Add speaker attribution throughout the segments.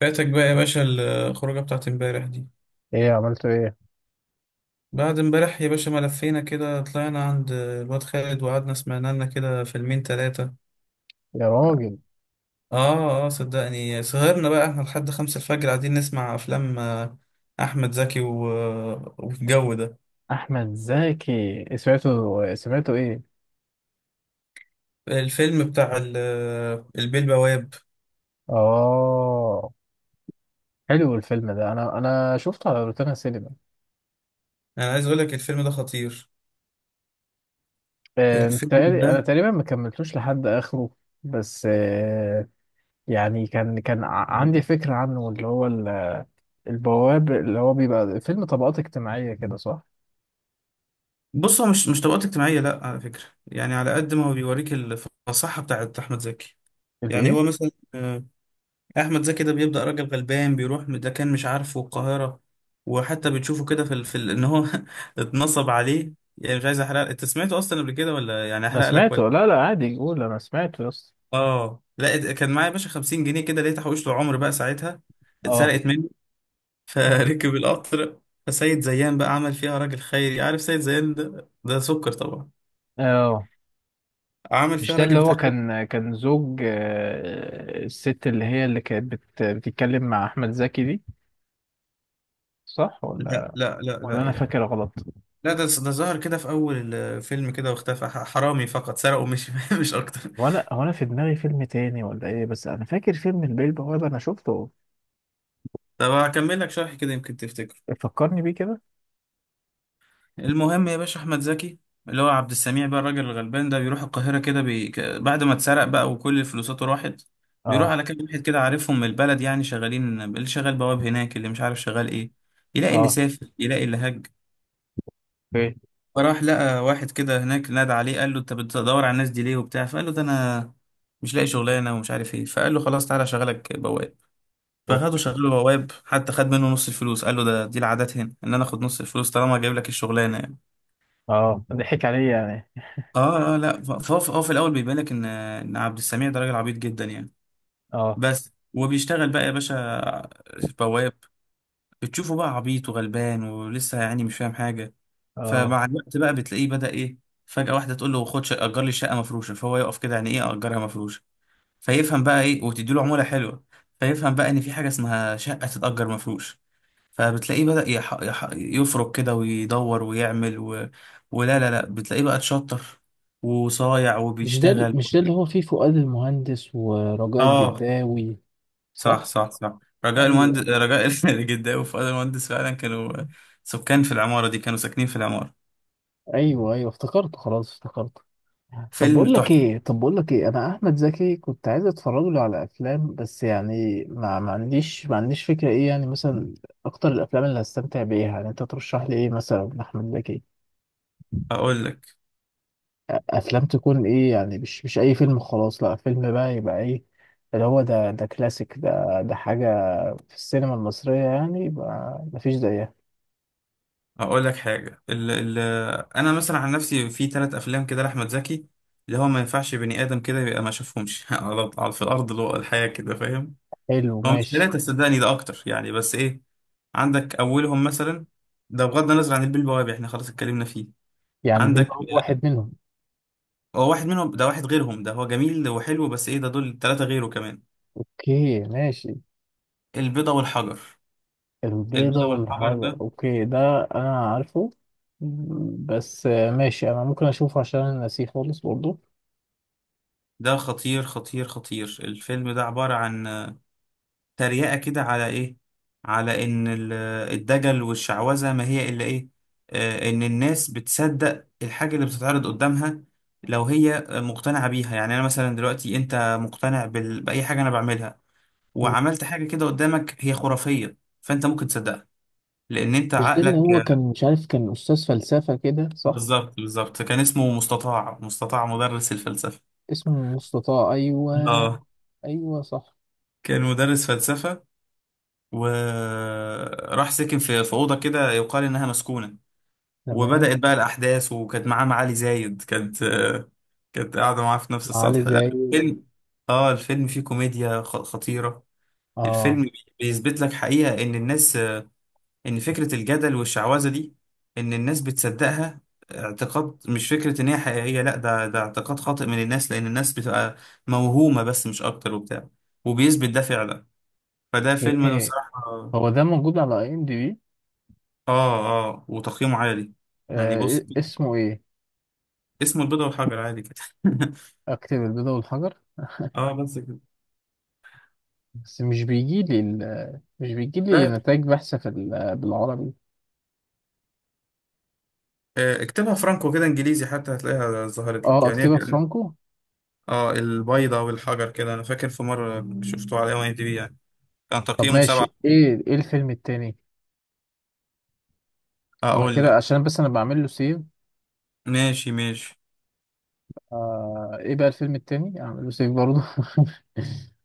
Speaker 1: فاتك بقى يا باشا الخروجة بتاعت امبارح دي.
Speaker 2: ايه عملته ايه؟
Speaker 1: بعد امبارح يا باشا ما لفينا كده، طلعنا عند الواد خالد وقعدنا سمعنا لنا كده فيلمين تلاتة.
Speaker 2: يا راجل.
Speaker 1: اه اه، صدقني سهرنا بقى احنا لحد خمسة الفجر قاعدين نسمع افلام، احمد زكي والجو ده.
Speaker 2: احمد زكي، سمعته ايه؟
Speaker 1: الفيلم بتاع البيه البواب.
Speaker 2: اه، حلو الفيلم ده. انا شفته على روتانا سينما.
Speaker 1: انا عايز اقول لك الفيلم ده خطير.
Speaker 2: آه،
Speaker 1: الفيلم
Speaker 2: متهيألي- انا
Speaker 1: ده،
Speaker 2: تقريبا ما كملتوش لحد اخره. بس يعني عندي فكرة عنه، اللي هو البواب، اللي هو بيبقى فيلم طبقات اجتماعية كده، صح؟
Speaker 1: بص هو مش طبقات اجتماعية لا على فكرة. يعني على قد ما هو بيوريك الفصاحة بتاعت احمد زكي. يعني
Speaker 2: الايه؟
Speaker 1: هو مثلا احمد زكي ده بيبدا راجل غلبان بيروح، ده كان مش عارفه القاهره. وحتى بتشوفه كده في ان هو اتنصب عليه. يعني مش عايز احرق، انت سمعته اصلا قبل كده ولا يعني
Speaker 2: انا
Speaker 1: احرق لك ولا؟
Speaker 2: سمعته، لا لا، عادي قول، انا سمعته يا اسطى.
Speaker 1: اه لا، كان معايا يا باشا 50 جنيه كده، لقيت حوشت عمر بقى ساعتها
Speaker 2: اه.
Speaker 1: اتسرقت مني
Speaker 2: آه.
Speaker 1: فركب القطر. فسيد زيان بقى عمل فيها راجل خيري، عارف سيد زيان ده ده سكر طبعا.
Speaker 2: اه.
Speaker 1: عمل
Speaker 2: مش
Speaker 1: فيها
Speaker 2: ده اللي
Speaker 1: راجل بتاع
Speaker 2: هو
Speaker 1: خير.
Speaker 2: كان زوج الست، اللي هي اللي كانت بتتكلم مع أحمد زكي دي؟ صح
Speaker 1: لا
Speaker 2: ولا؟
Speaker 1: لا لا
Speaker 2: ولا أنا
Speaker 1: لا.
Speaker 2: فاكر غلط؟
Speaker 1: لا ده ظهر كده في اول الفيلم كده واختفى، حرامي فقط سرقه، مش مش اكتر.
Speaker 2: وأنا هو أنا في دماغي فيلم تاني ولا إيه؟ بس أنا فاكر فيلم البيه البوابة، أنا شفته.
Speaker 1: طب هكمل لك شرح كده يمكن تفتكر.
Speaker 2: فكرني بيه كده؟
Speaker 1: المهم يا باشا احمد زكي اللي هو عبد السميع بقى، الراجل الغلبان ده بيروح القاهره كده، بعد ما اتسرق بقى وكل فلوساته راحت، بيروح
Speaker 2: أه.
Speaker 1: على كام واحد كده عارفهم من البلد، يعني شغالين اللي شغال بواب هناك، اللي مش عارف شغال ايه، يلاقي اللي
Speaker 2: أه.
Speaker 1: سافر يلاقي اللي هج.
Speaker 2: أوكي.
Speaker 1: فراح لقى واحد كده هناك نادى عليه، قال له انت بتدور على الناس دي ليه وبتاع؟ فقال له ده انا مش لاقي شغلانه ومش عارف ايه. فقال له خلاص تعالى اشغلك بواب. فاخده
Speaker 2: أوكي.
Speaker 1: شغله بواب، حتى خد منه نص الفلوس، قال له ده دي العادات هنا، ان انا اخد نص الفلوس طالما جايب لك الشغلانه يعني.
Speaker 2: أه، ضحك عليا يعني.
Speaker 1: اه اه. لا هو في الاول بيبان لك ان عبد السميع ده راجل عبيط جدا يعني.
Speaker 2: أه.
Speaker 1: بس وبيشتغل بقى يا باشا بواب. بتشوفه بقى عبيط وغلبان ولسه يعني مش فاهم حاجه.
Speaker 2: أه.
Speaker 1: فمع الوقت بقى بتلاقيه بدأ ايه؟ فجأة واحده تقول له اجر لي شقه مفروشه. فهو يقف كده، يعني ايه اجرها مفروشه؟ فيفهم بقى ايه، وتدي له عموله حلوه. فيفهم بقى ان في حاجه اسمها شقه تتأجر مفروش. فبتلاقيه بدأ يفرك كده ويدور ويعمل ولا لا لا، بتلاقيه بقى اتشطر وصايع وبيشتغل.
Speaker 2: مش ده اللي هو فيه فؤاد المهندس ورجاء
Speaker 1: اه
Speaker 2: الجداوي؟
Speaker 1: صح
Speaker 2: صح؟
Speaker 1: صح صح. رجاء المهندس،
Speaker 2: ايوه،
Speaker 1: رجاء الجداوي وفؤاد المهندس فعلا كانوا سكان في العمارة دي، كانوا ساكنين في العمارة.
Speaker 2: ايوه، ايوه، افتكرته، خلاص افتكرته.
Speaker 1: فيلم تحفة.
Speaker 2: طب بقول لك ايه، انا احمد زكي كنت عايز اتفرج له على افلام. بس يعني ما عنديش فكره ايه، يعني مثلا اكتر الافلام اللي هستمتع بايه، يعني انت ترشح لي ايه مثلا احمد زكي؟
Speaker 1: اقول لك.
Speaker 2: افلام تكون ايه يعني، مش اي فيلم خلاص، لا. فيلم بقى يبقى ايه، اللي هو ده كلاسيك، ده حاجه في السينما المصريه، يعني يبقى ما فيش زيها.
Speaker 1: اقول لك حاجة، ال... انا مثلا عن نفسي في ثلاث افلام كده لاحمد زكي، اللي هو ما ينفعش بني ادم كده يبقى ما شافهمش على في الارض الواقع الحياة كده، فاهم.
Speaker 2: حلو،
Speaker 1: هو مش
Speaker 2: ماشي.
Speaker 1: ثلاثة صدقني، ده أكتر يعني، بس إيه، عندك أولهم مثلا، ده بغض النظر عن البيه البوابي، إحنا خلاص اتكلمنا فيه.
Speaker 2: يعني بيلبع
Speaker 1: عندك،
Speaker 2: واحد منهم.
Speaker 1: هو واحد منهم، ده واحد غيرهم، ده هو جميل وحلو، بس إيه، ده دول ثلاثة غيره كمان.
Speaker 2: اوكي، ماشي.
Speaker 1: البيضة والحجر.
Speaker 2: البيضة
Speaker 1: البيضة والحجر
Speaker 2: والحجر،
Speaker 1: ده،
Speaker 2: اوكي. ده انا عارفه. بس ماشي، انا ممكن اشوفه عشان انا ناسيه خالص برضه.
Speaker 1: ده خطير خطير خطير. الفيلم ده عبارة عن تريقة كده على إيه؟ على إن الدجل والشعوذة ما هي إلا إيه؟ إن الناس بتصدق الحاجة اللي بتتعرض قدامها لو هي مقتنعة بيها. يعني أنا مثلا دلوقتي أنت مقتنع بأي حاجة أنا بعملها، وعملت حاجة كده قدامك هي خرافية، فأنت ممكن تصدقها، لأن أنت
Speaker 2: مش ده اللي
Speaker 1: عقلك
Speaker 2: هو كان مش عارف، كان استاذ فلسفة كده، صح؟
Speaker 1: بالظبط بالظبط. كان اسمه مستطاع، مستطاع مدرس الفلسفة.
Speaker 2: اسمه مستطاع؟ ايوه.
Speaker 1: آه.
Speaker 2: ايوه صح.
Speaker 1: كان مدرس فلسفة، وراح ساكن في في أوضة كده يقال إنها مسكونة.
Speaker 2: تمام.
Speaker 1: وبدأت بقى الأحداث، وكانت معاه معالي زايد، كانت كانت قاعدة معاه في نفس
Speaker 2: علي
Speaker 1: السطح. لا،
Speaker 2: زي.
Speaker 1: الفيلم، اه الفيلم فيه كوميديا خطيرة.
Speaker 2: اه.
Speaker 1: الفيلم بيثبت لك حقيقة إن الناس، إن فكرة الجدل والشعوذة دي، إن الناس بتصدقها اعتقاد، مش فكرة إن هي حقيقية. لا ده اعتقاد خاطئ من الناس، لأن الناس بتبقى موهومة بس مش أكتر وبتاع. وبيثبت ده فعلا. فده فيلم، أنا
Speaker 2: ايه،
Speaker 1: بصراحة آه.
Speaker 2: هو ده موجود على IMDB؟
Speaker 1: آه وتقييمه عالي. يعني بص
Speaker 2: إيه، اسمه ايه؟
Speaker 1: اسمه البيضة والحجر عادي كده.
Speaker 2: اكتب البيضة والحجر.
Speaker 1: اه بس كده.
Speaker 2: بس مش بيجي لي
Speaker 1: لا
Speaker 2: نتائج بحث بالعربي.
Speaker 1: اكتبها فرانكو كده انجليزي، حتى هتلاقيها ظهرت لك،
Speaker 2: اه،
Speaker 1: يعني هي
Speaker 2: اكتبها فرانكو.
Speaker 1: اه البيضة والحجر كده، انا فاكر في مرة شفته على ام اي دي بي يعني كان
Speaker 2: طب
Speaker 1: تقييمه
Speaker 2: ماشي،
Speaker 1: سبعة.
Speaker 2: ايه الفيلم التاني؟ انا
Speaker 1: اقول
Speaker 2: كده
Speaker 1: لك.
Speaker 2: عشان بس انا بعمل له سيف.
Speaker 1: ماشي ماشي.
Speaker 2: ايه بقى الفيلم التاني؟ اعمل له سيف برضه.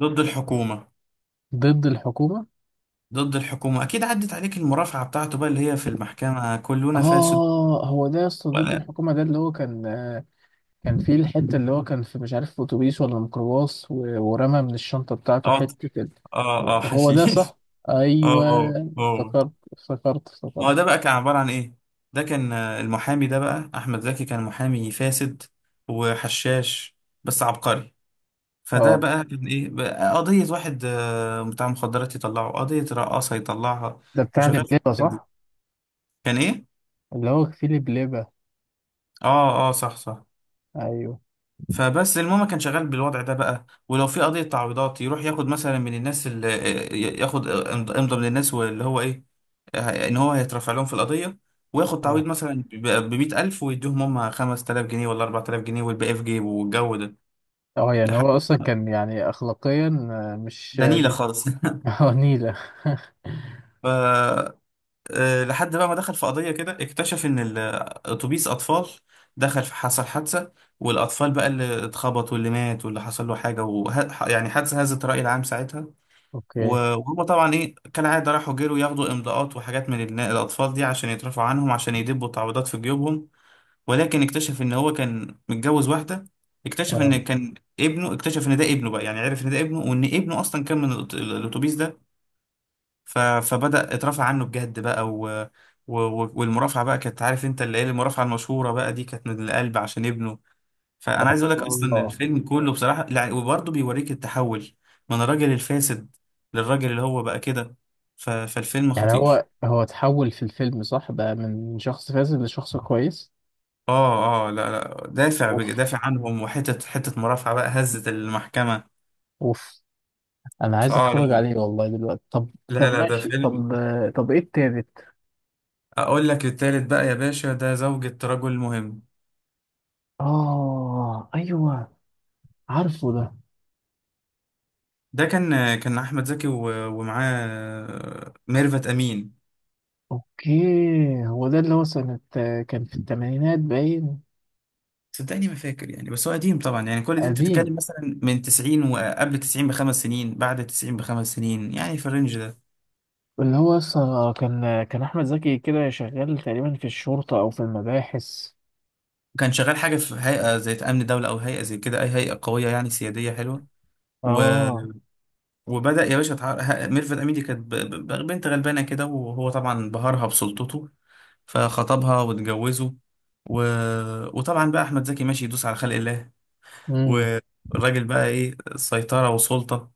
Speaker 1: ضد الحكومة.
Speaker 2: ضد الحكومة.
Speaker 1: ضد الحكومة اكيد عدت عليك المرافعة بتاعته بقى، اللي هي في المحكمة كلنا فاسد
Speaker 2: اه، هو ده يا اسطى ضد
Speaker 1: ولا.
Speaker 2: الحكومة؟ ده اللي هو كان فيه الحتة، اللي هو كان في، مش عارف، في اتوبيس ولا ميكروباص ورمى من الشنطة بتاعته
Speaker 1: اه
Speaker 2: حتة
Speaker 1: اه اه،
Speaker 2: هو هو ده
Speaker 1: حشيش
Speaker 2: صح؟
Speaker 1: اه
Speaker 2: ايوه.
Speaker 1: اه اه.
Speaker 2: افتكرت، افتكرت،
Speaker 1: ما هو
Speaker 2: افتكرت.
Speaker 1: ده بقى كان عبارة عن ايه، ده كان المحامي ده بقى احمد زكي، كان محامي فاسد وحشاش بس عبقري. فده
Speaker 2: اه،
Speaker 1: بقى كان ايه بقى، قضية واحد بتاع مخدرات يطلعه، قضية رقاصة يطلعها،
Speaker 2: ده بتاع
Speaker 1: وشغال في
Speaker 2: لبلبة
Speaker 1: الحاجات دي.
Speaker 2: صح؟
Speaker 1: كان ايه،
Speaker 2: اللي هو فيه لبلبة.
Speaker 1: اه اه صح صح.
Speaker 2: ايوه.
Speaker 1: فبس المهم كان شغال بالوضع ده بقى، ولو في قضية تعويضات يروح ياخد مثلا من الناس اللي ياخد امضى من الناس، واللي هو ايه، ان هو هيترفع لهم في القضية وياخد تعويض
Speaker 2: اه.
Speaker 1: مثلا ب 100,000 ويديهم هم 5000 جنيه ولا 4000 جنيه، والباقي في جيبه والجو ده.
Speaker 2: اه. يعني
Speaker 1: لحد
Speaker 2: هو اصلا كان يعني اخلاقيا، مش
Speaker 1: ده نيلة خالص
Speaker 2: نيلة.
Speaker 1: ف لحد بقى ما دخل في قضية كده، اكتشف إن أتوبيس أطفال دخل في، حصل حادثة، والأطفال بقى اللي اتخبط واللي مات واللي حصل له حاجة يعني حادثة هزت الرأي العام ساعتها.
Speaker 2: اوكي.
Speaker 1: وهم طبعا إيه، كالعادة راحوا جروا ياخدوا إمضاءات وحاجات من الأطفال دي عشان يترفعوا عنهم، عشان يدبوا تعويضات في جيوبهم. ولكن اكتشف إن هو كان متجوز واحدة، اكتشف
Speaker 2: اه.
Speaker 1: إن كان ابنه، اكتشف إن ده ابنه بقى، يعني عرف إن ده ابنه، وإن ابنه أصلا كان من الأتوبيس ده. فبدأ اترفع عنه بجد بقى والمرافعة بقى، كانت عارف انت اللي هي المرافعة المشهورة بقى دي، كانت من القلب عشان ابنه.
Speaker 2: اه.
Speaker 1: فأنا عايز اقول لك أصلا
Speaker 2: آه.
Speaker 1: الفيلم كله بصراحة لا، وبرضه بيوريك التحول من الراجل الفاسد للراجل اللي هو بقى كده. فالفيلم
Speaker 2: يعني
Speaker 1: خطير.
Speaker 2: هو هو اتحول في الفيلم صح؟ بقى من شخص فاسد لشخص كويس.
Speaker 1: اه اه لا لا، دافع
Speaker 2: اوف.
Speaker 1: دافع عنهم، وحتة حتة مرافعة بقى هزت المحكمة.
Speaker 2: اوف. انا عايز
Speaker 1: اه لا
Speaker 2: اتفرج
Speaker 1: لا
Speaker 2: عليه والله دلوقتي. طب.
Speaker 1: لا
Speaker 2: طب
Speaker 1: لا، ده
Speaker 2: ماشي،
Speaker 1: فيلم.
Speaker 2: طب. طب، ايه التالت؟
Speaker 1: اقول لك التالت بقى يا باشا، ده زوجة رجل مهم.
Speaker 2: اه، ايوه، عارفه ده.
Speaker 1: ده كان كان احمد زكي ومعاه ميرفت امين.
Speaker 2: اوكي. هو ده اللي هو سنة، كان في الثمانينات باين.
Speaker 1: صدقني ما فاكر يعني، بس هو قديم طبعا، يعني كل دي انت
Speaker 2: قديم.
Speaker 1: بتتكلم مثلا من 90 وقبل 90 بخمس سنين، بعد 90 بخمس سنين، يعني في الرينج ده.
Speaker 2: اللي هو اصلا كان احمد زكي كده شغال تقريبا في الشرطة او في المباحث.
Speaker 1: كان شغال حاجه في هيئه زي امن دوله، او هيئه زي كده، اي هيئه قويه يعني سياديه حلوه. و...
Speaker 2: اه.
Speaker 1: وبدا يا باشا ميرفت امين دي كانت بنت غلبانه كده، وهو طبعا بهرها بسلطته، فخطبها واتجوزه. و... وطبعا بقى احمد زكي ماشي يدوس على خلق الله،
Speaker 2: امم.
Speaker 1: والراجل بقى ايه سيطرة وسلطة.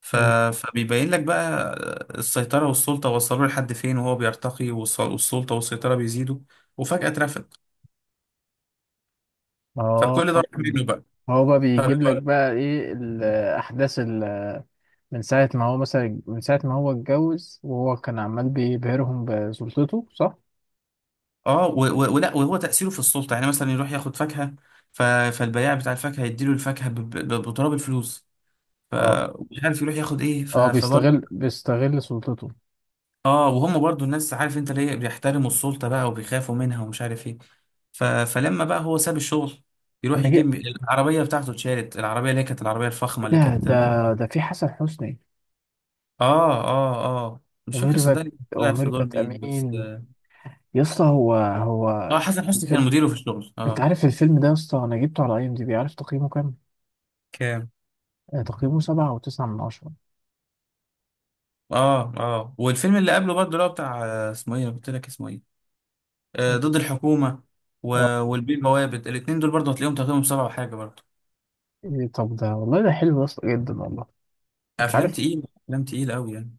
Speaker 1: ف... فبيبين لك بقى السيطرة والسلطة وصلوا لحد فين، وهو بيرتقي والسلطة والسيطرة بيزيدوا، وفجأة اترفد.
Speaker 2: اه.
Speaker 1: فكل ده راح منه بقى.
Speaker 2: هو بقى بيجيب لك
Speaker 1: فبيبقى-
Speaker 2: بقى ايه الاحداث من ساعه ما هو اتجوز، وهو كان عمال بيبهرهم بسلطته، صح؟
Speaker 1: اه ولا وهو تأثيره في السلطة، يعني مثلا يروح ياخد فاكهة، ف... فالبياع بتاع الفاكهة يديله الفاكهة بتراب الفلوس،
Speaker 2: اه.
Speaker 1: فمش عارف يروح ياخد ايه،
Speaker 2: اه.
Speaker 1: فبرضه.
Speaker 2: بيستغل سلطته.
Speaker 1: اه وهم برضو الناس، عارف انت ليه بيحترموا السلطة بقى وبيخافوا منها ومش عارف ايه. فلما بقى هو ساب الشغل، يروح
Speaker 2: انا جه.
Speaker 1: يجيب العربية بتاعته اتشالت العربية، اللي هي كانت العربية الفخمة اللي
Speaker 2: ده
Speaker 1: كانت اه.
Speaker 2: ده ده في حسن حسني.
Speaker 1: اه اه، مش فاكر
Speaker 2: وميرفت
Speaker 1: صدقني كان طلع في دور
Speaker 2: وميرفت
Speaker 1: مين بس.
Speaker 2: امين، يا اسطى. هو هو
Speaker 1: اه حسن حسني كان
Speaker 2: الفيلم.
Speaker 1: مديره في الشغل
Speaker 2: انت
Speaker 1: اه.
Speaker 2: عارف الفيلم ده يا اسطى؟ انا جبته على IMDB. عارف تقييمه كام؟
Speaker 1: كان
Speaker 2: تقييمه 7.9/10.
Speaker 1: اه اه. والفيلم اللي قبله برضه، اللي هو بتاع اسمه ايه أنا قلت لك اسمه ايه، آه ضد الحكومة. و...
Speaker 2: اه،
Speaker 1: والبيه بوابد الاتنين دول برضه هتلاقيهم تقييمهم سبعة وحاجة برضه.
Speaker 2: إيه، طب ده والله، ده حلو يا اسطى جدا والله. انت
Speaker 1: افلام
Speaker 2: عارف،
Speaker 1: تقيلة، افلام تقيلة قوي يعني.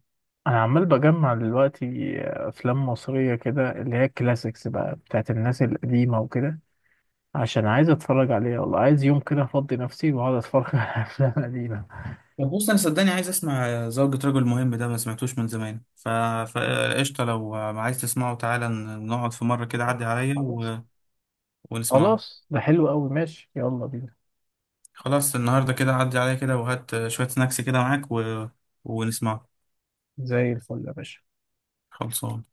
Speaker 2: انا عمال بجمع دلوقتي افلام مصريه كده، اللي هي الكلاسيكس بقى بتاعت الناس القديمه وكده، عشان عايز اتفرج عليها والله. عايز يوم كده افضي نفسي واقعد اتفرج على افلام قديمه.
Speaker 1: طب بص انا صدقني عايز اسمع زوجة رجل مهم ده، ما سمعتوش من زمان. فقشطة لو عايز تسمعه، تعالى نقعد في مرة كده، عدي عليا
Speaker 2: خلاص.
Speaker 1: ونسمعه.
Speaker 2: خلاص، ده حلو قوي. ماشي، يلا بينا.
Speaker 1: خلاص النهاردة كده عدي عليا كده، وهات شوية سناكس كده معاك ونسمعه.
Speaker 2: زي الفل يا باشا.
Speaker 1: خلصان.